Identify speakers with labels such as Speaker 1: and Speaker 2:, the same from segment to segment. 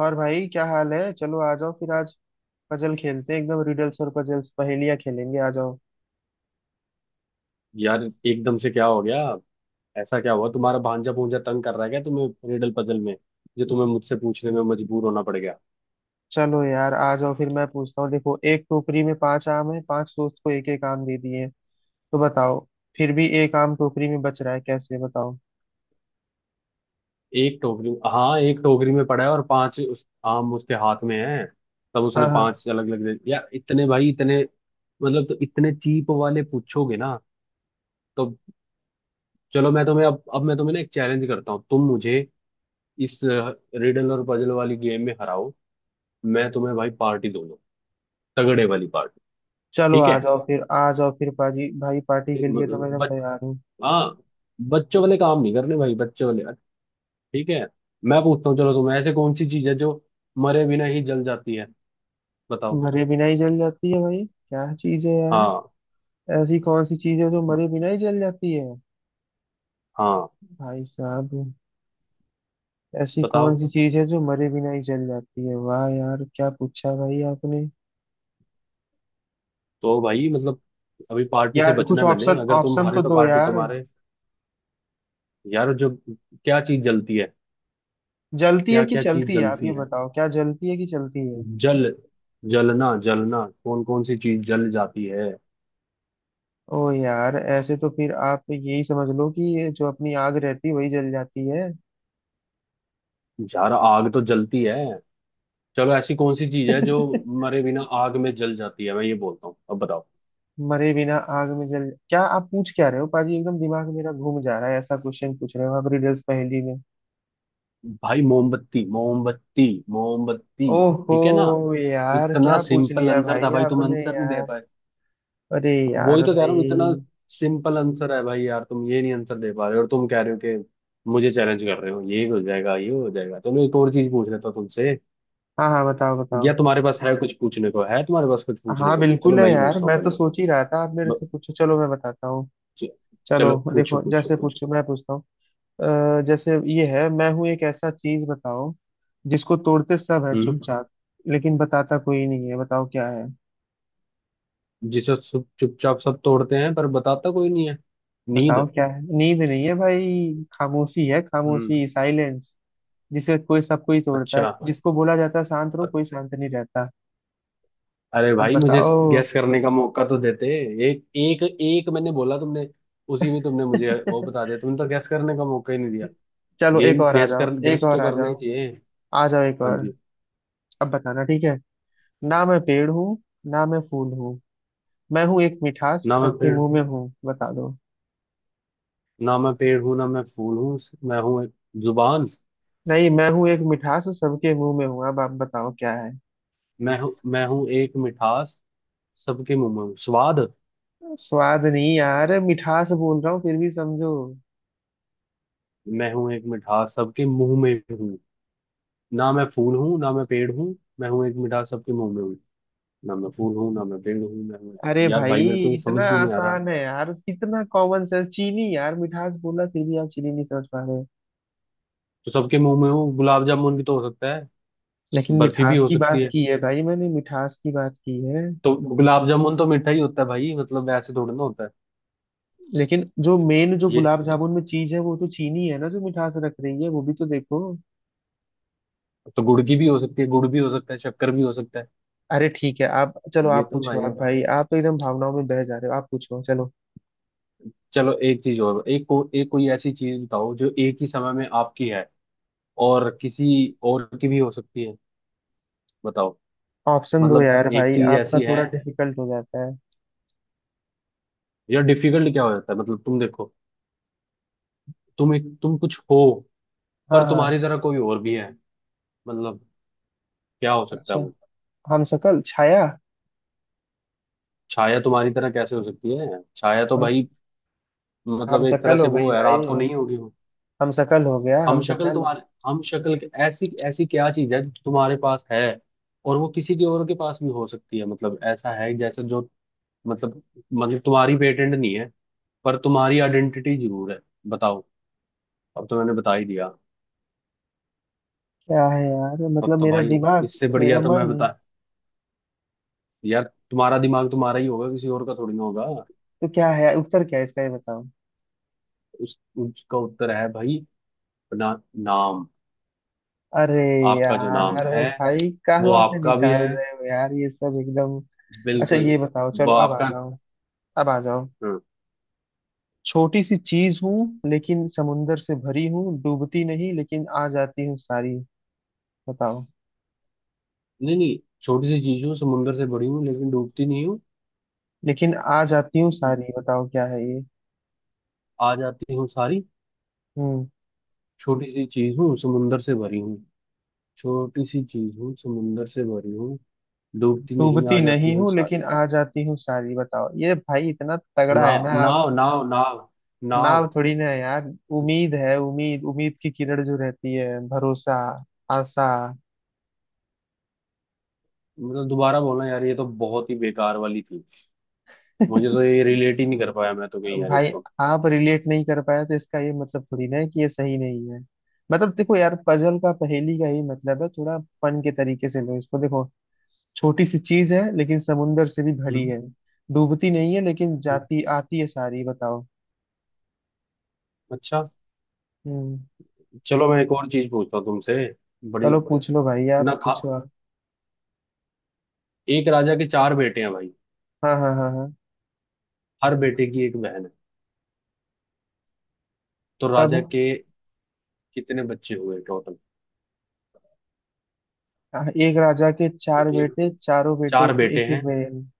Speaker 1: और भाई क्या हाल है। चलो आ जाओ फिर आज पजल खेलते हैं, एकदम रिडल्स और पजल्स पहेलियां खेलेंगे। आ जाओ
Speaker 2: यार एकदम से क्या हो गया? ऐसा क्या हुआ? तुम्हारा भांजा भूंजा तंग कर रहा है क्या तुम्हें रिडल पजल में, जो तुम्हें मुझसे पूछने में मजबूर होना पड़ गया?
Speaker 1: चलो यार, आ जाओ फिर। मैं पूछता हूँ, देखो एक टोकरी में पांच आम है, पांच दोस्त को एक एक आम दे दिए, तो बताओ फिर भी एक आम टोकरी में बच रहा है कैसे? बताओ।
Speaker 2: एक टोकरी, हाँ, एक टोकरी में पड़ा है और पांच आम उसके हाथ में है। तब उसने
Speaker 1: हाँ हाँ।
Speaker 2: पांच अलग अलग दे। यार इतने भाई, इतने मतलब, तो इतने चीप वाले पूछोगे ना? तो चलो मैं तुम्हें अब मैं तुम्हें ना एक चैलेंज करता हूँ। तुम मुझे इस रिडल और पजल वाली गेम में हराओ, मैं तुम्हें भाई पार्टी दूंगा। तगड़े वाली पार्टी।
Speaker 1: चलो
Speaker 2: ठीक
Speaker 1: आ
Speaker 2: है?
Speaker 1: जाओ फिर, आ जाओ फिर पाजी, भाई पार्टी के लिए तो मैं एकदम
Speaker 2: मतलब,
Speaker 1: तैयार हूँ।
Speaker 2: हाँ, बच्चों वाले काम नहीं करने भाई, बच्चों वाले। ठीक है, मैं पूछता हूँ। चलो तुम्हें, ऐसे कौन सी चीज है जो मरे बिना ही जल जाती है? बताओ।
Speaker 1: मरे बिना ही जल जाती है? भाई क्या चीज है यार।
Speaker 2: हाँ
Speaker 1: ऐसी कौन सी चीज है जो मरे बिना ही जल जाती है?
Speaker 2: हाँ
Speaker 1: भाई साहब, ऐसी कौन
Speaker 2: बताओ।
Speaker 1: सी चीज है जो मरे बिना ही जल जाती है? वाह यार, क्या पूछा भाई आपने।
Speaker 2: तो भाई मतलब अभी पार्टी से
Speaker 1: यार
Speaker 2: बचना
Speaker 1: कुछ
Speaker 2: है मैंने।
Speaker 1: ऑप्शन
Speaker 2: अगर तुम
Speaker 1: ऑप्शन
Speaker 2: हारे
Speaker 1: तो
Speaker 2: तो
Speaker 1: दो
Speaker 2: पार्टी
Speaker 1: यार।
Speaker 2: तुम्हारे। यार जो, क्या चीज जलती है?
Speaker 1: जलती है
Speaker 2: क्या
Speaker 1: कि
Speaker 2: क्या चीज
Speaker 1: चलती है? आप
Speaker 2: जलती
Speaker 1: ये
Speaker 2: है?
Speaker 1: बताओ, क्या जलती है कि चलती है?
Speaker 2: जल, जलना जलना कौन कौन सी चीज जल जाती है?
Speaker 1: ओ यार, ऐसे तो फिर आप यही समझ लो कि ये जो अपनी आग रहती है वही जल जाती है।
Speaker 2: यार आग तो जलती है। चलो, ऐसी कौन सी चीज है जो मरे बिना आग में जल जाती है, मैं ये बोलता हूँ। अब बताओ।
Speaker 1: मरे बिना आग में जल, क्या आप पूछ क्या रहे हो पाजी? एकदम दिमाग मेरा घूम जा रहा है, ऐसा क्वेश्चन पूछ रहे हो आप रिडल्स पहेली में।
Speaker 2: भाई मोमबत्ती मोमबत्ती मोमबत्ती।
Speaker 1: ओहो
Speaker 2: ठीक है ना,
Speaker 1: यार,
Speaker 2: इतना
Speaker 1: क्या पूछ
Speaker 2: सिंपल
Speaker 1: लिया
Speaker 2: आंसर था
Speaker 1: भाई
Speaker 2: भाई, तुम
Speaker 1: आपने
Speaker 2: आंसर नहीं दे
Speaker 1: यार।
Speaker 2: पाए।
Speaker 1: अरे
Speaker 2: वही
Speaker 1: यार
Speaker 2: तो कह रहा हूँ, इतना
Speaker 1: भाई।
Speaker 2: सिंपल आंसर है भाई, यार तुम ये नहीं आंसर दे पा रहे हो, और तुम कह रहे हो कि मुझे चैलेंज कर रहे हो, ये हो जाएगा ये हो जाएगा। चलो एक और चीज पूछ लेता हूँ तुमसे।
Speaker 1: हाँ हाँ, बताओ
Speaker 2: या
Speaker 1: बताओ।
Speaker 2: तुम्हारे पास है कुछ पूछने को? है तुम्हारे पास कुछ पूछने
Speaker 1: हाँ
Speaker 2: को? चलो
Speaker 1: बिल्कुल है
Speaker 2: मैं ही
Speaker 1: यार,
Speaker 2: पूछता हूँ
Speaker 1: मैं तो
Speaker 2: पहले।
Speaker 1: सोच ही रहा था आप मेरे से
Speaker 2: ब-
Speaker 1: पूछो। चलो मैं बताता हूँ।
Speaker 2: च-
Speaker 1: चलो
Speaker 2: चलो पूछो
Speaker 1: देखो,
Speaker 2: पूछो
Speaker 1: जैसे
Speaker 2: पूछो
Speaker 1: पूछो, मैं पूछता हूँ। जैसे ये है, मैं हूँ एक ऐसा चीज बताओ जिसको तोड़ते सब है
Speaker 2: हम्म।
Speaker 1: चुपचाप लेकिन बताता कोई नहीं है। बताओ क्या है।
Speaker 2: जिसे सब चुपचाप सब तोड़ते हैं पर बताता कोई नहीं है।
Speaker 1: बताओ
Speaker 2: नींद।
Speaker 1: क्या है, नींद नहीं है भाई, खामोशी है,
Speaker 2: हम्म।
Speaker 1: खामोशी, साइलेंस। जिसे कोई सब कोई तोड़ता
Speaker 2: अच्छा।
Speaker 1: है, जिसको बोला जाता है शांत रहो, कोई शांत नहीं रहता।
Speaker 2: अरे
Speaker 1: अब
Speaker 2: भाई मुझे
Speaker 1: बताओ।
Speaker 2: गेस करने का मौका तो देते। एक एक एक मैंने बोला, तुमने उसी में तुमने मुझे वो बता दिया, तुमने तो गैस करने का मौका ही नहीं दिया।
Speaker 1: चलो एक
Speaker 2: गेम,
Speaker 1: और आ
Speaker 2: गैस
Speaker 1: जाओ,
Speaker 2: कर,
Speaker 1: एक
Speaker 2: गैस
Speaker 1: और
Speaker 2: तो
Speaker 1: आ
Speaker 2: करना ही
Speaker 1: जाओ।
Speaker 2: चाहिए।
Speaker 1: आ जाओ एक
Speaker 2: हाँ
Speaker 1: और।
Speaker 2: जी।
Speaker 1: अब बताना, ठीक है। ना मैं पेड़ हूँ, ना मैं फूल हूँ, मैं हूँ एक मिठास
Speaker 2: ना मैं
Speaker 1: सबके
Speaker 2: पेड़,
Speaker 1: मुंह में हूँ। बता दो।
Speaker 2: ना मैं पेड़ हूँ ना मैं फूल हूँ। मैं हूँ एक जुबान।
Speaker 1: नहीं, मैं हूँ एक मिठास सबके मुंह में हूँ, अब आप बताओ क्या है।
Speaker 2: मैं हूँ, मैं हूँ एक मिठास सबके मुंह में हूँ। स्वाद।
Speaker 1: स्वाद नहीं यार, मिठास बोल रहा हूँ फिर भी समझो।
Speaker 2: मैं हूँ एक मिठास सबके मुंह में हूँ। ना मैं फूल हूँ ना मैं पेड़ हूँ, मैं हूँ एक मिठास सबके मुंह में हूँ। ना मैं फूल हूँ ना मैं पेड़ हूँ, मैं हूँ।
Speaker 1: अरे
Speaker 2: यार भाई
Speaker 1: भाई,
Speaker 2: मेरे को ये
Speaker 1: इतना
Speaker 2: समझ क्यों नहीं आ रहा?
Speaker 1: आसान है यार, इतना कॉमन सेंस, चीनी यार, मिठास बोला फिर भी आप चीनी नहीं समझ पा रहे।
Speaker 2: तो सबके मुंह में हो, गुलाब जामुन भी तो हो सकता है,
Speaker 1: लेकिन
Speaker 2: बर्फी भी
Speaker 1: मिठास
Speaker 2: हो
Speaker 1: की
Speaker 2: सकती
Speaker 1: बात
Speaker 2: है।
Speaker 1: की है भाई, मैंने मिठास की बात की है।
Speaker 2: तो गुलाब जामुन तो मीठा ही होता है भाई, मतलब ऐसे थोड़ी ना होता है
Speaker 1: लेकिन जो मेन जो
Speaker 2: ये।
Speaker 1: गुलाब जामुन में चीज है वो तो चीनी है ना, जो मिठास रख रही है वो भी, तो देखो।
Speaker 2: तो गुड़ की भी हो सकती है, गुड़ भी हो सकता है, शक्कर भी हो सकता है।
Speaker 1: अरे ठीक है आप, चलो
Speaker 2: ये
Speaker 1: आप
Speaker 2: तो
Speaker 1: पूछो
Speaker 2: भाई
Speaker 1: आप,
Speaker 2: है।
Speaker 1: भाई आप तो एकदम भावनाओं में बह जा रहे हो। आप पूछो चलो।
Speaker 2: चलो एक चीज और, एक को एक कोई ऐसी चीज बताओ जो एक ही समय में आपकी है और किसी और की भी हो सकती है। बताओ।
Speaker 1: ऑप्शन दो
Speaker 2: मतलब
Speaker 1: यार
Speaker 2: एक
Speaker 1: भाई,
Speaker 2: चीज
Speaker 1: आपका
Speaker 2: ऐसी
Speaker 1: थोड़ा
Speaker 2: है,
Speaker 1: डिफिकल्ट हो जाता है।
Speaker 2: यार डिफिकल्ट क्या हो जाता है मतलब? तुम देखो, तुम एक, तुम कुछ हो, पर
Speaker 1: हाँ हाँ।
Speaker 2: तुम्हारी तरह कोई और भी है। मतलब क्या हो सकता है
Speaker 1: अच्छा,
Speaker 2: वो?
Speaker 1: हम शकल, छाया।
Speaker 2: छाया तुम्हारी तरह कैसे हो सकती है? छाया तो
Speaker 1: हम
Speaker 2: भाई
Speaker 1: हम
Speaker 2: मतलब एक तरह
Speaker 1: शकल
Speaker 2: से
Speaker 1: हो
Speaker 2: वो
Speaker 1: गई
Speaker 2: है, रात
Speaker 1: भाई,
Speaker 2: को नहीं होगी वो।
Speaker 1: हम शकल हो गया,
Speaker 2: हम
Speaker 1: हम
Speaker 2: शक्ल,
Speaker 1: शकल।
Speaker 2: तुम्हारे हम शक्ल के? ऐसी ऐसी क्या चीज है जो तुम्हारे पास है और वो किसी के और के पास भी हो सकती है? मतलब ऐसा है जैसे जो, मतलब, मतलब तुम्हारी पेटेंट नहीं है पर तुम्हारी आइडेंटिटी जरूर है। बताओ। अब तो मैंने बता ही दिया,
Speaker 1: क्या है यार,
Speaker 2: अब
Speaker 1: मतलब
Speaker 2: तो
Speaker 1: मेरा
Speaker 2: भाई
Speaker 1: दिमाग,
Speaker 2: इससे
Speaker 1: मेरा
Speaker 2: बढ़िया तो मैं
Speaker 1: मन।
Speaker 2: बता, यार तुम्हारा दिमाग तुम्हारा ही होगा, किसी और का थोड़ी ना होगा।
Speaker 1: तो क्या है उत्तर क्या है इसका, ये बताओ।
Speaker 2: उस उसका उत्तर है भाई ना, नाम।
Speaker 1: अरे
Speaker 2: आपका जो नाम
Speaker 1: यार
Speaker 2: है
Speaker 1: भाई,
Speaker 2: वो
Speaker 1: कहाँ से
Speaker 2: आपका भी
Speaker 1: निकाल
Speaker 2: है।
Speaker 1: रहे हो यार ये सब एकदम। अच्छा
Speaker 2: बिल्कुल।
Speaker 1: ये बताओ,
Speaker 2: वो
Speaker 1: चलो अब आ
Speaker 2: आपका।
Speaker 1: जाओ। अब आ जाओ।
Speaker 2: हाँ।
Speaker 1: छोटी सी चीज हूँ लेकिन समुंदर से भरी हूँ, डूबती नहीं लेकिन आ जाती हूँ सारी। बताओ।
Speaker 2: नहीं नहीं, छोटी सी चीज हूँ, समुंदर से बड़ी हूँ, लेकिन डूबती नहीं हूँ,
Speaker 1: लेकिन आ जाती हूँ सारी, बताओ क्या है ये।
Speaker 2: आ जाती हूँ सारी।
Speaker 1: हम्म।
Speaker 2: छोटी सी चीज हूँ समुंदर से भरी हूँ। छोटी सी चीज हूँ समुंदर से भरी हूँ, डूबती नहीं, आ
Speaker 1: डूबती
Speaker 2: जाती
Speaker 1: नहीं
Speaker 2: हूँ
Speaker 1: हूँ
Speaker 2: सारी।
Speaker 1: लेकिन आ जाती हूँ सारी, बताओ ये भाई, इतना तगड़ा है
Speaker 2: नाव
Speaker 1: ना आप।
Speaker 2: नाव नाव नाव, नाव।
Speaker 1: नाव थोड़ी ना है यार। उम्मीद है, उम्मीद, उम्मीद की किरण जो रहती है, भरोसा, आशा।
Speaker 2: मतलब दोबारा बोलना यार, ये तो बहुत ही बेकार वाली थी। मुझे तो ये रिलेट ही नहीं कर पाया, मैं तो कहीं यार
Speaker 1: भाई
Speaker 2: इसको।
Speaker 1: आप रिलेट नहीं कर पाए तो इसका ये मतलब थोड़ी ना है कि ये सही नहीं है। मतलब देखो यार, पजल का पहेली का ही मतलब है थोड़ा फन के तरीके से लो इसको। देखो छोटी सी चीज है लेकिन समुंदर से भी भरी
Speaker 2: हम्म।
Speaker 1: है, डूबती नहीं है लेकिन
Speaker 2: हम्म।
Speaker 1: जाती आती है सारी, बताओ।
Speaker 2: अच्छा,
Speaker 1: हम्म।
Speaker 2: चलो मैं एक और चीज पूछता हूँ तुमसे। बड़ी
Speaker 1: चलो पूछ लो भाई, आप
Speaker 2: ना खा।
Speaker 1: पूछो आप।
Speaker 2: एक राजा के चार बेटे हैं भाई,
Speaker 1: हाँ हाँ हाँ हाँ।
Speaker 2: हर बेटे की एक बहन है। तो राजा
Speaker 1: तब।
Speaker 2: के कितने बच्चे हुए टोटल?
Speaker 1: एक राजा के चार
Speaker 2: एक,
Speaker 1: बेटे, चारों बेटों
Speaker 2: चार
Speaker 1: के
Speaker 2: बेटे
Speaker 1: एक एक
Speaker 2: हैं,
Speaker 1: बहन।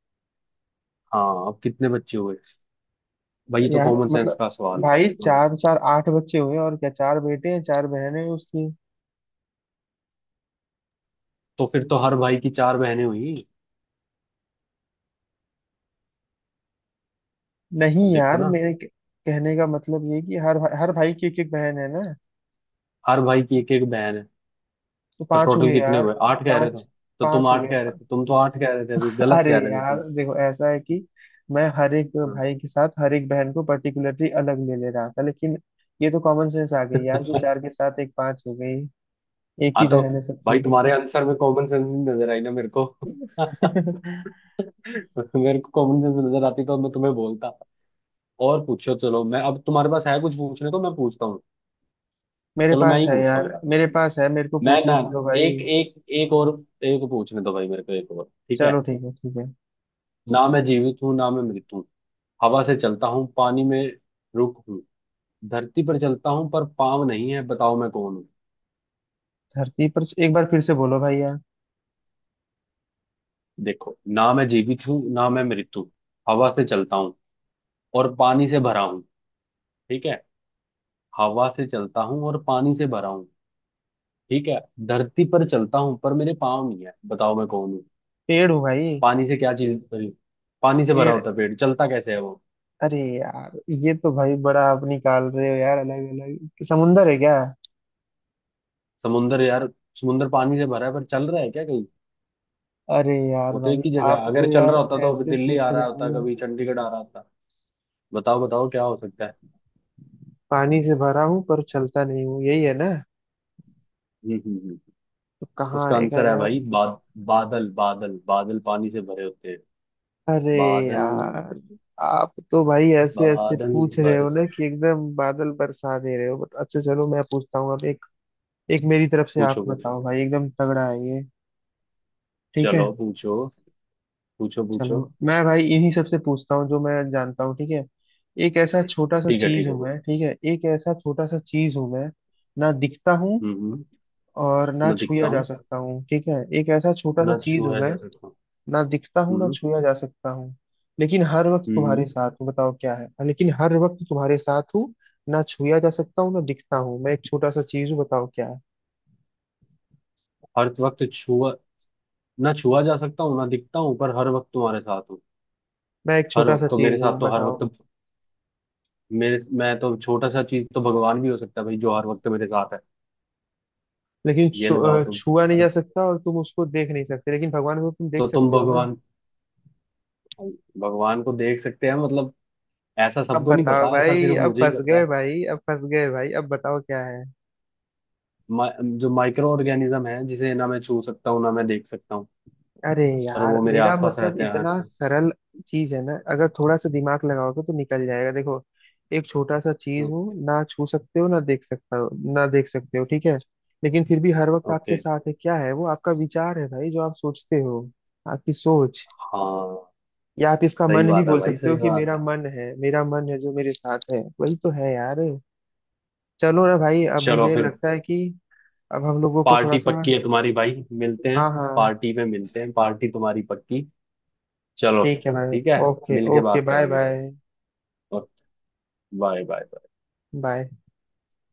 Speaker 2: हाँ, अब कितने बच्चे हुए? भाई ये तो
Speaker 1: यार
Speaker 2: कॉमन सेंस
Speaker 1: मतलब,
Speaker 2: का सवाल है।
Speaker 1: भाई
Speaker 2: मतलब,
Speaker 1: चार चार आठ बच्चे हुए और क्या, चार बेटे हैं, चार बहनें हैं उसकी।
Speaker 2: तो फिर तो हर भाई की चार बहनें हुई।
Speaker 1: नहीं
Speaker 2: अब देखो
Speaker 1: यार,
Speaker 2: ना,
Speaker 1: कहने का मतलब ये है कि हर भाई की एक एक बहन है ना,
Speaker 2: हर भाई की एक एक बहन है,
Speaker 1: तो
Speaker 2: तो
Speaker 1: पांच
Speaker 2: टोटल
Speaker 1: हुए
Speaker 2: कितने
Speaker 1: यार।
Speaker 2: हुए? आठ कह रहे थे,
Speaker 1: पांच।
Speaker 2: तो तुम
Speaker 1: पांच हुए।
Speaker 2: आठ कह रहे थे, तुम तो आठ कह रहे थे, अभी गलत
Speaker 1: अरे
Speaker 2: कह रहे थे
Speaker 1: यार
Speaker 2: तुम।
Speaker 1: देखो, ऐसा है कि मैं हर एक
Speaker 2: हाँ।
Speaker 1: भाई के साथ हर एक बहन को पर्टिकुलरली अलग ले ले रहा था लेकिन ये तो कॉमन सेंस आ गई यार कि चार के साथ एक पांच हो गई। एक ही
Speaker 2: हाँ, तो
Speaker 1: बहन है
Speaker 2: भाई
Speaker 1: सबकी।
Speaker 2: तुम्हारे आंसर में कॉमन सेंस नहीं नजर आई ना मेरे को। मेरे को कॉमन सेंस नजर आती तो मैं तुम्हें बोलता। और पूछो, चलो, मैं अब, तुम्हारे पास है कुछ पूछने को, मैं पूछता हूँ।
Speaker 1: मेरे
Speaker 2: चलो मैं
Speaker 1: पास
Speaker 2: ही
Speaker 1: है
Speaker 2: पूछता हूँ
Speaker 1: यार,
Speaker 2: यार।
Speaker 1: मेरे पास है, मेरे को
Speaker 2: मैं ना,
Speaker 1: पूछने तो दो भाई।
Speaker 2: एक एक एक और एक पूछने दो भाई मेरे को, एक और। ठीक है।
Speaker 1: चलो ठीक है, ठीक है।
Speaker 2: ना मैं जीवित हूँ ना मैं मृत हूँ, हवा से चलता हूँ, पानी में रुक हूँ, धरती पर चलता हूँ पर पाँव नहीं है, बताओ मैं कौन हूँ?
Speaker 1: धरती पर, एक बार फिर से बोलो भाई यार।
Speaker 2: देखो, ना मैं जीवित हूँ ना मैं मृत हूँ, हवा से चलता हूँ और पानी से भरा हूँ, ठीक है? हवा से चलता हूँ और पानी से भरा हूँ, ठीक है? धरती पर चलता हूँ पर मेरे पाँव नहीं है, बताओ मैं कौन हूँ?
Speaker 1: पेड़ हूँ भाई।
Speaker 2: पानी से क्या चीज, पानी से भरा
Speaker 1: पेड़।
Speaker 2: होता है पेड़, चलता कैसे है वो?
Speaker 1: अरे यार, ये तो भाई बड़ा आप निकाल रहे हो यार, अलग अलग समुंदर है क्या।
Speaker 2: समुंदर? यार समुंदर पानी से भरा है पर चल रहा है क्या कहीं?
Speaker 1: अरे यार
Speaker 2: वो तो एक
Speaker 1: भाई,
Speaker 2: ही जगह है।
Speaker 1: आप
Speaker 2: अगर
Speaker 1: तो
Speaker 2: चल
Speaker 1: यार
Speaker 2: रहा होता तो अभी
Speaker 1: ऐसे
Speaker 2: दिल्ली
Speaker 1: पूछ
Speaker 2: आ
Speaker 1: रहे
Speaker 2: रहा होता,
Speaker 1: हो।
Speaker 2: कभी चंडीगढ़ आ रहा होता। बताओ बताओ क्या हो सकता है?
Speaker 1: पानी से भरा हूँ पर चलता नहीं हूँ, यही है ना,
Speaker 2: हम्म हम्म हम्म।
Speaker 1: तो कहाँ
Speaker 2: उसका
Speaker 1: आएगा
Speaker 2: आंसर है
Speaker 1: यार।
Speaker 2: भाई, बाद, बादल बादल बादल, पानी से भरे होते हैं
Speaker 1: अरे
Speaker 2: बादल।
Speaker 1: यार, आप तो भाई ऐसे ऐसे
Speaker 2: बादल,
Speaker 1: पूछ रहे हो
Speaker 2: बारिश।
Speaker 1: ना कि एकदम बादल बरसा दे रहे हो। बट अच्छा चलो, मैं पूछता हूँ अब एक। एक मेरी तरफ से आप
Speaker 2: पूछो पूछो।
Speaker 1: बताओ भाई, एकदम तगड़ा है ये। ठीक है।
Speaker 2: चलो पूछो पूछो
Speaker 1: चलो
Speaker 2: पूछो
Speaker 1: मैं भाई इन्हीं सबसे पूछता हूँ जो मैं जानता हूँ, ठीक है। एक ऐसा छोटा सा
Speaker 2: ठीक है
Speaker 1: चीज
Speaker 2: ठीक है,
Speaker 1: हूँ
Speaker 2: बोलो।
Speaker 1: मैं, ठीक है, एक ऐसा छोटा सा चीज हूँ मैं, ना दिखता हूँ
Speaker 2: हम्म। हम्म।
Speaker 1: और ना
Speaker 2: न दिखता
Speaker 1: छुआ जा
Speaker 2: हूँ,
Speaker 1: सकता हूँ, ठीक है। एक ऐसा छोटा सा
Speaker 2: न
Speaker 1: चीज हूँ
Speaker 2: छुआ
Speaker 1: मैं,
Speaker 2: जा सकता हूँ।
Speaker 1: ना दिखता हूँ, ना
Speaker 2: हम्म
Speaker 1: छुआ जा सकता हूँ, लेकिन हर वक्त
Speaker 2: हम्म
Speaker 1: तुम्हारे
Speaker 2: हम्म।
Speaker 1: साथ हूँ, बताओ क्या है। हाँ, लेकिन हर वक्त तुम्हारे साथ हूँ। ना छुआ जा सकता हूँ, ना दिखता हूँ, मैं एक छोटा सा चीज हूँ, बताओ क्या है।
Speaker 2: हर वक्त छुआ, ना छुआ जा सकता हूँ ना दिखता हूँ पर हर वक्त तुम्हारे साथ हूँ।
Speaker 1: मैं एक
Speaker 2: हर
Speaker 1: छोटा सा
Speaker 2: वक्त तो मेरे
Speaker 1: चीज
Speaker 2: साथ,
Speaker 1: हूँ,
Speaker 2: तो हर
Speaker 1: बताओ।
Speaker 2: वक्त मेरे, मैं तो छोटा सा चीज तो भगवान भी हो सकता है भाई जो हर वक्त मेरे साथ है।
Speaker 1: लेकिन
Speaker 2: ये
Speaker 1: छु,
Speaker 2: लगाओ
Speaker 1: अ,
Speaker 2: तुम,
Speaker 1: छुआ नहीं
Speaker 2: हर,
Speaker 1: जा सकता और तुम उसको देख नहीं सकते, लेकिन भगवान को तुम देख
Speaker 2: तो तुम
Speaker 1: सकते हो ना।
Speaker 2: भगवान, भगवान को देख सकते हैं मतलब, ऐसा
Speaker 1: अब
Speaker 2: सबको नहीं
Speaker 1: बताओ
Speaker 2: पता, ऐसा
Speaker 1: भाई,
Speaker 2: सिर्फ
Speaker 1: अब
Speaker 2: मुझे ही
Speaker 1: फंस
Speaker 2: पता
Speaker 1: गए
Speaker 2: है।
Speaker 1: भाई, अब फंस गए भाई, अब बताओ क्या है।
Speaker 2: जो माइक्रो ऑर्गेनिज्म है जिसे ना मैं छू सकता हूँ ना मैं देख सकता हूँ,
Speaker 1: अरे
Speaker 2: पर
Speaker 1: यार,
Speaker 2: वो मेरे
Speaker 1: मेरा
Speaker 2: आसपास
Speaker 1: मतलब
Speaker 2: रहते हैं हर।
Speaker 1: इतना सरल चीज है ना, अगर थोड़ा सा दिमाग लगाओगे तो निकल जाएगा। देखो एक छोटा सा चीज
Speaker 2: हम्म,
Speaker 1: हो, ना छू सकते हो, ना देख सकता हो, ना देख सकते हो, ठीक है, लेकिन फिर भी हर वक्त आपके
Speaker 2: ओके।
Speaker 1: साथ है। क्या है वो? आपका विचार है भाई, जो आप सोचते हो, आपकी सोच,
Speaker 2: हाँ
Speaker 1: या आप इसका
Speaker 2: सही
Speaker 1: मन भी
Speaker 2: बात है
Speaker 1: बोल
Speaker 2: भाई,
Speaker 1: सकते हो
Speaker 2: सही
Speaker 1: कि
Speaker 2: बात
Speaker 1: मेरा
Speaker 2: है।
Speaker 1: मन है, मेरा मन है जो मेरे साथ है वही तो है यार। चलो ना भाई, अब
Speaker 2: चलो
Speaker 1: मुझे
Speaker 2: फिर,
Speaker 1: लगता है कि अब हम लोगों को थोड़ा
Speaker 2: पार्टी
Speaker 1: सा।
Speaker 2: पक्की है तुम्हारी भाई, मिलते हैं।
Speaker 1: हाँ हाँ।
Speaker 2: पार्टी में मिलते हैं, पार्टी तुम्हारी पक्की। चलो
Speaker 1: ठीक है भाई।
Speaker 2: ठीक है।
Speaker 1: ओके
Speaker 2: मिल के
Speaker 1: ओके,
Speaker 2: बात
Speaker 1: बाय
Speaker 2: करेंगे।
Speaker 1: बाय।
Speaker 2: और, बाय बाय।
Speaker 1: बाय।